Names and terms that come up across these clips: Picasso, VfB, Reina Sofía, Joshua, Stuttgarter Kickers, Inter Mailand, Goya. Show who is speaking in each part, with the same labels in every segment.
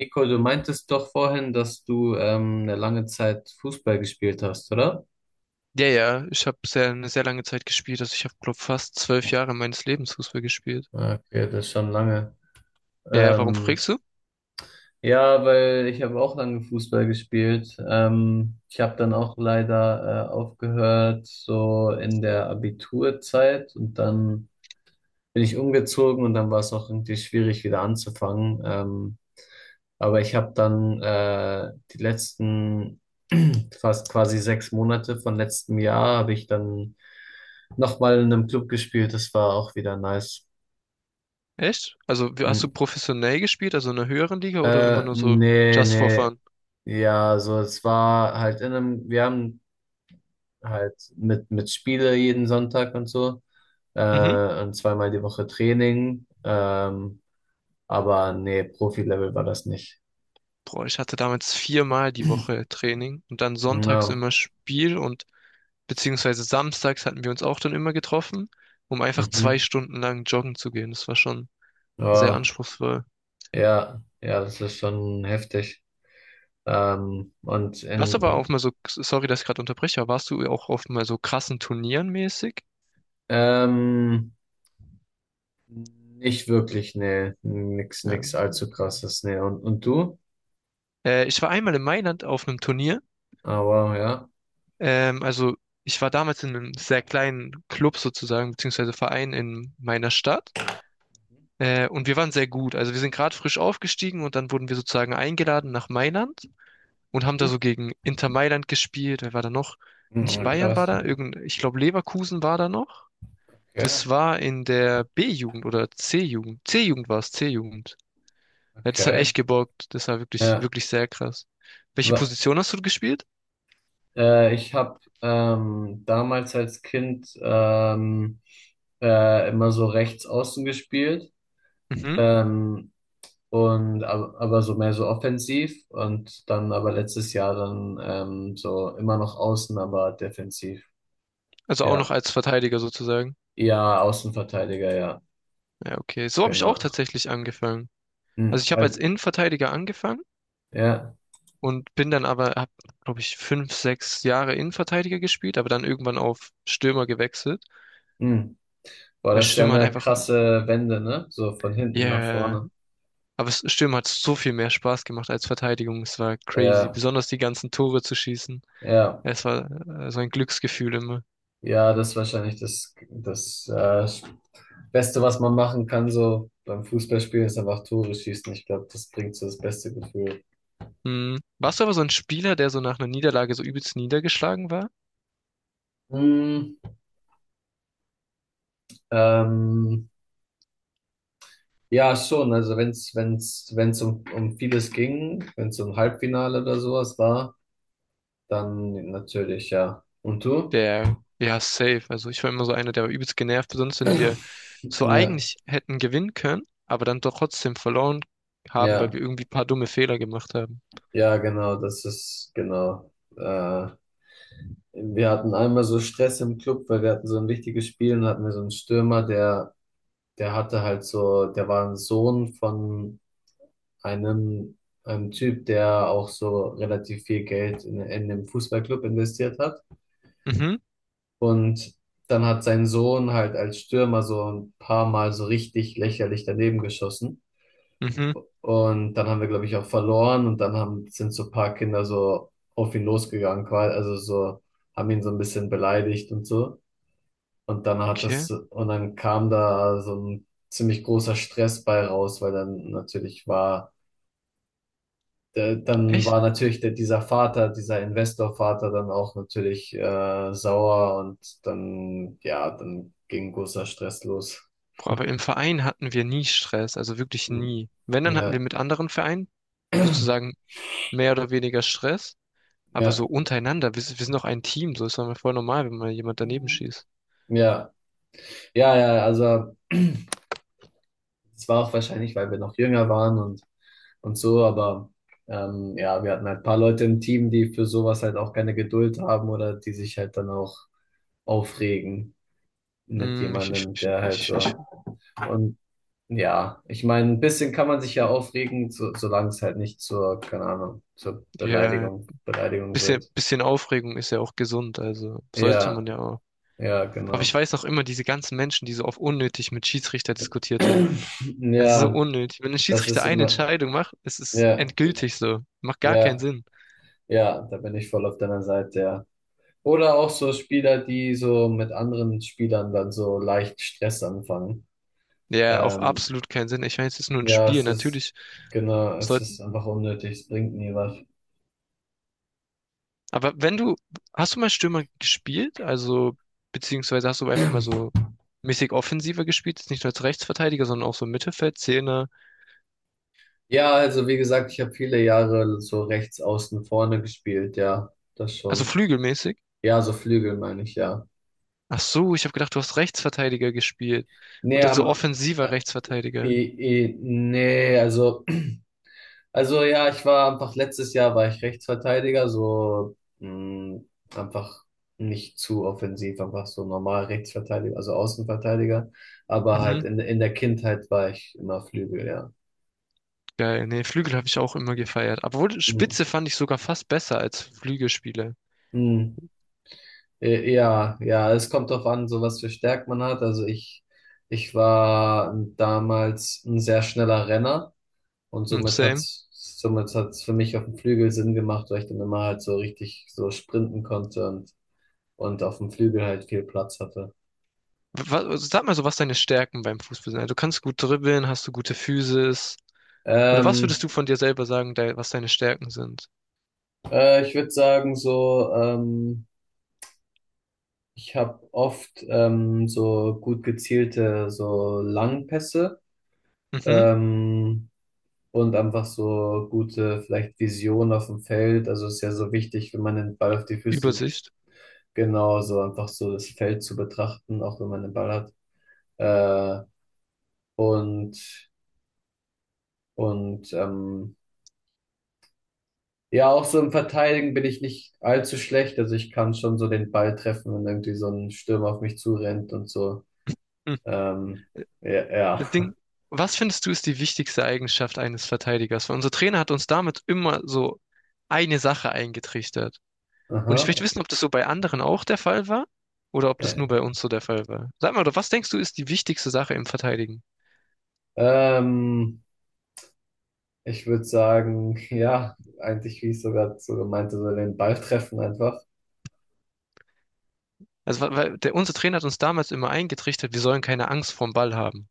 Speaker 1: Nico, du meintest doch vorhin, dass du eine lange Zeit Fußball gespielt hast, oder?
Speaker 2: Ja, ja, ich habe eine sehr lange Zeit gespielt. Also ich habe, glaube, fast 12 Jahre meines Lebens Fußball gespielt.
Speaker 1: Okay, das ist schon lange.
Speaker 2: Ja, ja, warum
Speaker 1: Ähm,
Speaker 2: fragst du?
Speaker 1: ja, weil ich habe auch lange Fußball gespielt. Ich habe dann auch leider aufgehört, so in der Abiturzeit, und dann bin ich umgezogen und dann war es auch irgendwie schwierig, wieder anzufangen. Aber ich habe dann die letzten fast quasi 6 Monate von letztem Jahr habe ich dann nochmal in einem Club gespielt. Das war auch wieder nice.
Speaker 2: Echt? Also hast du
Speaker 1: Hm.
Speaker 2: professionell gespielt, also in einer höheren Liga oder immer nur so
Speaker 1: Nee,
Speaker 2: just for
Speaker 1: nee.
Speaker 2: fun?
Speaker 1: Ja, so es war halt in einem, wir haben halt mit Spiele jeden Sonntag und so.
Speaker 2: Mhm.
Speaker 1: Und 2x die Woche Training. Aber nee, Profi-Level war das nicht.
Speaker 2: Boah, ich hatte damals viermal die Woche Training und dann sonntags
Speaker 1: Na,
Speaker 2: immer Spiel und beziehungsweise samstags hatten wir uns auch dann immer getroffen, um einfach zwei
Speaker 1: mhm.
Speaker 2: Stunden lang joggen zu gehen. Das war schon sehr
Speaker 1: Ja.
Speaker 2: anspruchsvoll.
Speaker 1: Ja, ja, das ist schon heftig. Ähm, und
Speaker 2: Warst du aber auch
Speaker 1: in,
Speaker 2: mal so, sorry, dass ich gerade unterbreche, aber warst du auch oft mal so krassen Turnieren mäßig?
Speaker 1: ähm, nicht wirklich, nee, nix,
Speaker 2: Ja.
Speaker 1: nix allzu
Speaker 2: Okay.
Speaker 1: krasses, nee. Und du?
Speaker 2: Ich war einmal in Mailand auf einem Turnier.
Speaker 1: Aber ja.
Speaker 2: Also ich war damals in einem sehr kleinen Club sozusagen, beziehungsweise Verein in meiner Stadt. Und wir waren sehr gut. Also wir sind gerade frisch aufgestiegen und dann wurden wir sozusagen eingeladen nach Mailand und haben da so gegen Inter Mailand gespielt. Wer war da noch? Nicht
Speaker 1: Mhm,
Speaker 2: Bayern war
Speaker 1: krass.
Speaker 2: da, ich glaube Leverkusen war da noch.
Speaker 1: Okay,
Speaker 2: Das war in der B-Jugend oder C-Jugend. C-Jugend war es, C-Jugend. Ja, das hat
Speaker 1: okay.
Speaker 2: echt gebockt. Das war wirklich,
Speaker 1: Ja.
Speaker 2: wirklich sehr krass. Welche
Speaker 1: Wa-
Speaker 2: Position hast du gespielt?
Speaker 1: Ich habe damals als Kind immer so rechts außen gespielt.
Speaker 2: Mhm.
Speaker 1: Ähm, Und aber so mehr so offensiv, und dann aber letztes Jahr dann so immer noch außen, aber defensiv.
Speaker 2: Also auch noch
Speaker 1: Ja.
Speaker 2: als Verteidiger sozusagen.
Speaker 1: Ja, Außenverteidiger, ja.
Speaker 2: Ja, okay. So habe ich auch
Speaker 1: Genau.
Speaker 2: tatsächlich angefangen. Also
Speaker 1: Hm,
Speaker 2: ich habe als
Speaker 1: halt,
Speaker 2: Innenverteidiger angefangen
Speaker 1: ja.
Speaker 2: und habe, glaube ich, 5, 6 Jahre Innenverteidiger gespielt, aber dann irgendwann auf Stürmer gewechselt,
Speaker 1: Hm. Boah,
Speaker 2: weil
Speaker 1: das ist ja
Speaker 2: Stürmer hat
Speaker 1: eine
Speaker 2: einfach,
Speaker 1: krasse Wende, ne? So von hinten nach
Speaker 2: yeah,
Speaker 1: vorne.
Speaker 2: aber es- Stürmer hat so viel mehr Spaß gemacht als Verteidigung. Es war crazy,
Speaker 1: Ja,
Speaker 2: besonders die ganzen Tore zu schießen.
Speaker 1: ja.
Speaker 2: Es war so ein Glücksgefühl immer.
Speaker 1: Ja, das ist wahrscheinlich das Beste, was man machen kann, so beim Fußballspielen, ist einfach Tore schießen. Ich glaube, das bringt so das beste Gefühl.
Speaker 2: Hm. Warst du aber so ein Spieler, der so nach einer Niederlage so übelst niedergeschlagen war?
Speaker 1: Hm, ähm, Ja, schon. Also wenn's um vieles ging, wenn's um Halbfinale oder sowas war, dann natürlich, ja. Und du?
Speaker 2: Der, ja, safe. Also ich war immer so einer, der übelst genervt, sonst wenn wir so
Speaker 1: Ja,
Speaker 2: eigentlich hätten gewinnen können, aber dann doch trotzdem verloren haben, weil wir
Speaker 1: ja,
Speaker 2: irgendwie ein paar dumme Fehler gemacht haben.
Speaker 1: ja, genau. Äh, wir hatten einmal so Stress im Club, weil wir hatten so ein wichtiges Spiel, und hatten wir so einen Stürmer, der, der hatte halt so, der war ein Sohn von einem, einem Typ, der auch so relativ viel Geld in dem Fußballclub investiert hat.
Speaker 2: Mhm,
Speaker 1: Und dann hat sein Sohn halt als Stürmer so ein paar Mal so richtig lächerlich daneben geschossen.
Speaker 2: mhm,
Speaker 1: Und dann haben wir, glaube ich, auch verloren. Und dann haben, sind so ein paar Kinder so auf ihn losgegangen, quasi, also so, haben ihn so ein bisschen beleidigt und so. Und dann hat
Speaker 2: okay.
Speaker 1: das, und dann kam da so ein ziemlich großer Stress bei raus, weil dann natürlich war, dann
Speaker 2: Echt?
Speaker 1: war natürlich der, dieser Vater, dieser Investorvater dann auch natürlich sauer, und dann, ja, dann ging großer Stress los.
Speaker 2: Boah, aber im Verein hatten wir nie Stress, also wirklich
Speaker 1: Hm.
Speaker 2: nie. Wenn, dann hatten wir
Speaker 1: Ja,
Speaker 2: mit anderen Vereinen sozusagen mehr oder weniger Stress, aber so
Speaker 1: ja,
Speaker 2: untereinander, wir sind doch ein Team, so ist doch mal voll normal, wenn mal jemand daneben schießt.
Speaker 1: ja, ja, ja, also es war auch wahrscheinlich, weil wir noch jünger waren, und so, aber ja, wir hatten halt ein paar Leute im Team, die für sowas halt auch keine Geduld haben oder die sich halt dann auch aufregen mit
Speaker 2: Hm,
Speaker 1: jemandem, der halt so. Und ja, ich meine, ein bisschen kann man sich ja aufregen, so, solange es halt nicht zur, keine Ahnung, zur
Speaker 2: ja,
Speaker 1: Beleidigung
Speaker 2: bisschen,
Speaker 1: wird.
Speaker 2: bisschen Aufregung ist ja auch gesund, also sollte man
Speaker 1: Ja,
Speaker 2: ja auch.
Speaker 1: ja,
Speaker 2: Aber ich
Speaker 1: genau.
Speaker 2: weiß noch immer, diese ganzen Menschen, die so oft unnötig mit Schiedsrichter diskutiert haben. Es ist so
Speaker 1: Ja,
Speaker 2: unnötig. Wenn ein
Speaker 1: das
Speaker 2: Schiedsrichter
Speaker 1: ist
Speaker 2: eine
Speaker 1: immer,
Speaker 2: Entscheidung macht, es ist
Speaker 1: ja,
Speaker 2: endgültig so. Macht gar
Speaker 1: ja,
Speaker 2: keinen Sinn.
Speaker 1: ja, da bin ich voll auf deiner Seite, ja. Oder auch so Spieler, die so mit anderen Spielern dann so leicht Stress anfangen.
Speaker 2: Ja, auch
Speaker 1: Ähm,
Speaker 2: absolut keinen Sinn. Ich meine, es ist nur ein
Speaker 1: ja,
Speaker 2: Spiel.
Speaker 1: es ist,
Speaker 2: Natürlich
Speaker 1: genau, es ist
Speaker 2: sollten.
Speaker 1: einfach unnötig, es bringt nie was.
Speaker 2: Aber wenn du, hast du mal Stürmer gespielt? Also, beziehungsweise hast du einfach mal so mäßig offensiver gespielt? Jetzt nicht nur als Rechtsverteidiger, sondern auch so Mittelfeld, Zehner,
Speaker 1: Ja, also wie gesagt, ich habe viele Jahre so rechts außen vorne gespielt, ja, das
Speaker 2: also
Speaker 1: schon.
Speaker 2: flügelmäßig?
Speaker 1: Ja, so Flügel meine ich, ja.
Speaker 2: Ach so, ich habe gedacht, du hast Rechtsverteidiger gespielt.
Speaker 1: Nee,
Speaker 2: Und dann so
Speaker 1: am,
Speaker 2: offensiver
Speaker 1: äh,
Speaker 2: Rechtsverteidiger.
Speaker 1: eh, nee, also, also ja, ich war einfach letztes Jahr war ich Rechtsverteidiger, so mh, einfach nicht zu offensiv, einfach so normal Rechtsverteidiger, also Außenverteidiger, aber
Speaker 2: Mhm,
Speaker 1: halt in der Kindheit war ich immer Flügel, ja.
Speaker 2: geil. Nee, Flügel habe ich auch immer gefeiert. Obwohl, Spitze fand ich sogar fast besser als Flügelspieler.
Speaker 1: Mhm. Ja, ja, es kommt drauf an, so was für Stärken man hat. Also ich war damals ein sehr schneller Renner, und
Speaker 2: Hm,
Speaker 1: somit
Speaker 2: same.
Speaker 1: hat's, somit hat's für mich auf dem Flügel Sinn gemacht, weil ich dann immer halt so richtig so sprinten konnte, und auf dem Flügel halt viel Platz hatte.
Speaker 2: Sag mal so, was deine Stärken beim Fußball sind. Also, du kannst gut dribbeln, hast du gute Physis. Oder was würdest
Speaker 1: Ähm,
Speaker 2: du von dir selber sagen, de was deine Stärken sind?
Speaker 1: Ich würde sagen, so, ich habe oft so gut gezielte, so Langpässe.
Speaker 2: Mhm,
Speaker 1: Ähm, und einfach so gute, vielleicht Vision auf dem Feld. Also ist ja so wichtig, wenn man den Ball auf die Füße,
Speaker 2: Übersicht.
Speaker 1: genau, so einfach so das Feld zu betrachten, auch wenn man den Ball hat. Äh, und und ähm, ja, auch so im Verteidigen bin ich nicht allzu schlecht. Also ich kann schon so den Ball treffen, wenn irgendwie so ein Stürmer auf mich zurennt und so.
Speaker 2: Hm.
Speaker 1: Ähm, ja,
Speaker 2: Das
Speaker 1: ja.
Speaker 2: Ding, was findest du, ist die wichtigste Eigenschaft eines Verteidigers? Weil unser Trainer hat uns damit immer so eine Sache eingetrichtert. Und
Speaker 1: Aha.
Speaker 2: ich möchte wissen, ob das so bei anderen auch der Fall war oder ob das nur
Speaker 1: Ja.
Speaker 2: bei uns so der Fall war. Sag mal, doch, was denkst du, ist die wichtigste Sache im Verteidigen?
Speaker 1: Ähm, Ich würde sagen, ja, eigentlich, wie ich sogar so gemeint, habe, so den Ball treffen einfach.
Speaker 2: Also, weil der, unser Trainer hat uns damals immer eingetrichtert, wir sollen keine Angst vorm Ball haben.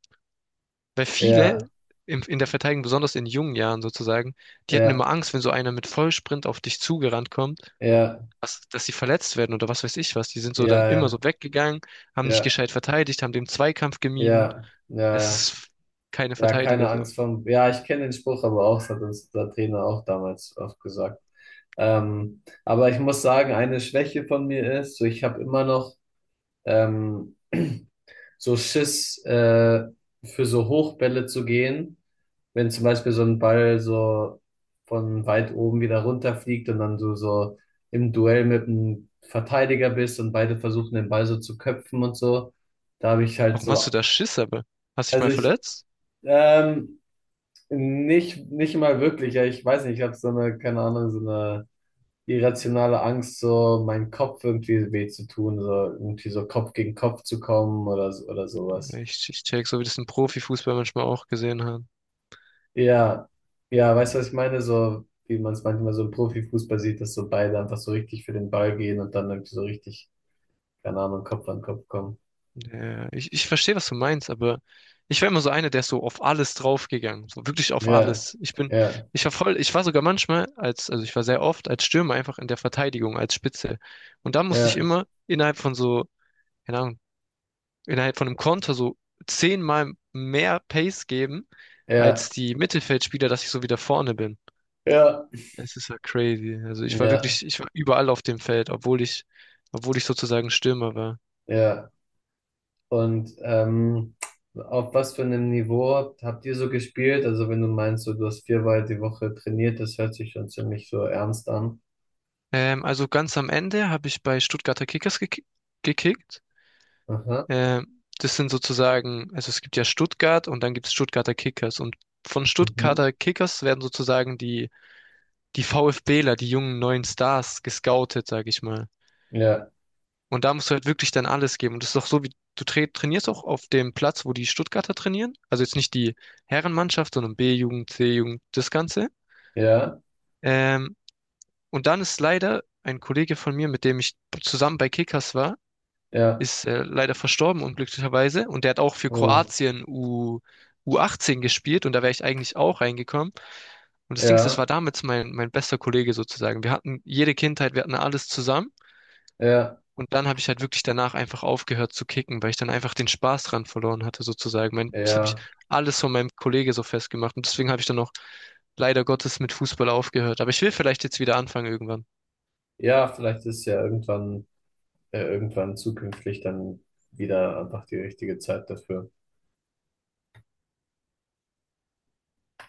Speaker 2: Weil viele
Speaker 1: Ja,
Speaker 2: in der Verteidigung, besonders in jungen Jahren sozusagen, die hatten immer
Speaker 1: ja,
Speaker 2: Angst, wenn so einer mit Vollsprint auf dich zugerannt kommt,
Speaker 1: ja,
Speaker 2: dass sie verletzt werden oder was weiß ich was. Die sind so dann immer so
Speaker 1: ja,
Speaker 2: weggegangen, haben
Speaker 1: ja,
Speaker 2: nicht
Speaker 1: ja,
Speaker 2: gescheit verteidigt, haben den Zweikampf gemieden.
Speaker 1: ja, ja,
Speaker 2: Es
Speaker 1: ja,
Speaker 2: ist keine
Speaker 1: ja,
Speaker 2: Verteidiger
Speaker 1: keine
Speaker 2: so.
Speaker 1: Angst vor. Ja, ich kenne den Spruch, aber auch, das hat uns der Trainer auch damals oft gesagt. Aber ich muss sagen, eine Schwäche von mir ist, so ich habe immer noch ähm, so Schiss, für so Hochbälle zu gehen, wenn zum Beispiel so ein Ball so von weit oben wieder runterfliegt und dann du so im Duell mit einem Verteidiger bist und beide versuchen den Ball so zu köpfen und so, da habe ich halt
Speaker 2: Warum hast du
Speaker 1: so,
Speaker 2: da Schiss aber? Hast dich
Speaker 1: also
Speaker 2: mal
Speaker 1: ich,
Speaker 2: verletzt?
Speaker 1: ähm, nicht mal wirklich, ja, ich weiß nicht, ich habe so eine, keine Ahnung, so eine irrationale Angst, so meinen Kopf irgendwie weh zu tun, so irgendwie so Kopf gegen Kopf zu kommen oder, so- oder sowas.
Speaker 2: Ich check, so wie das ein Profifußball manchmal auch gesehen hat.
Speaker 1: Ja, ja, weißt du, was ich meine? So, wie man es manchmal so im Profifußball sieht, dass so beide einfach so richtig für den Ball gehen und dann irgendwie so richtig, keine Ahnung, Kopf an Kopf kommen.
Speaker 2: Ja, ich verstehe, was du meinst, aber ich war immer so einer, der ist so auf alles draufgegangen, so wirklich auf
Speaker 1: Ja,
Speaker 2: alles. Ich bin,
Speaker 1: ja,
Speaker 2: ich war voll, ich war sogar manchmal als, also ich war sehr oft als Stürmer einfach in der Verteidigung, als Spitze. Und da musste ich
Speaker 1: ja,
Speaker 2: immer innerhalb von so, keine Ahnung, innerhalb von einem Konter so zehnmal mehr Pace geben als
Speaker 1: ja,
Speaker 2: die Mittelfeldspieler, dass ich so wieder vorne bin.
Speaker 1: ja,
Speaker 2: Es ist ja crazy. Also
Speaker 1: ja,
Speaker 2: ich war überall auf dem Feld, obwohl ich sozusagen Stürmer war.
Speaker 1: ja. Und ähm, auf was für einem Niveau habt ihr so gespielt? Also, wenn du meinst, so, du hast 4x die Woche trainiert, das hört sich schon ziemlich so ernst an.
Speaker 2: Also ganz am Ende habe ich bei Stuttgarter Kickers gekickt.
Speaker 1: Aha.
Speaker 2: Das sind sozusagen, also es gibt ja Stuttgart und dann gibt es Stuttgarter Kickers. Und von
Speaker 1: Mhm.
Speaker 2: Stuttgarter Kickers werden sozusagen die VfBler, die jungen neuen Stars, gescoutet, sag ich mal.
Speaker 1: Ja,
Speaker 2: Und da musst du halt wirklich dann alles geben. Und das ist doch so, wie du trainierst auch auf dem Platz, wo die Stuttgarter trainieren. Also jetzt nicht die Herrenmannschaft, sondern B-Jugend, C-Jugend, das Ganze.
Speaker 1: ja,
Speaker 2: Ähm, und dann ist leider ein Kollege von mir, mit dem ich zusammen bei Kickers war,
Speaker 1: ja.
Speaker 2: ist leider verstorben, unglücklicherweise. Und der hat auch für
Speaker 1: Oh,
Speaker 2: Kroatien U18 gespielt und da wäre ich eigentlich auch reingekommen. Und das Ding ist, das war
Speaker 1: ja,
Speaker 2: damals mein bester Kollege sozusagen. Wir hatten jede Kindheit, wir hatten alles zusammen.
Speaker 1: ja,
Speaker 2: Und dann habe ich halt wirklich danach einfach aufgehört zu kicken, weil ich dann einfach den Spaß dran verloren hatte, sozusagen. Das habe ich
Speaker 1: ja.
Speaker 2: alles von meinem Kollege so festgemacht. Und deswegen habe ich dann auch leider Gottes mit Fußball aufgehört. Aber ich will vielleicht jetzt wieder anfangen irgendwann.
Speaker 1: Ja, vielleicht ist ja irgendwann, irgendwann zukünftig dann wieder einfach die richtige Zeit dafür.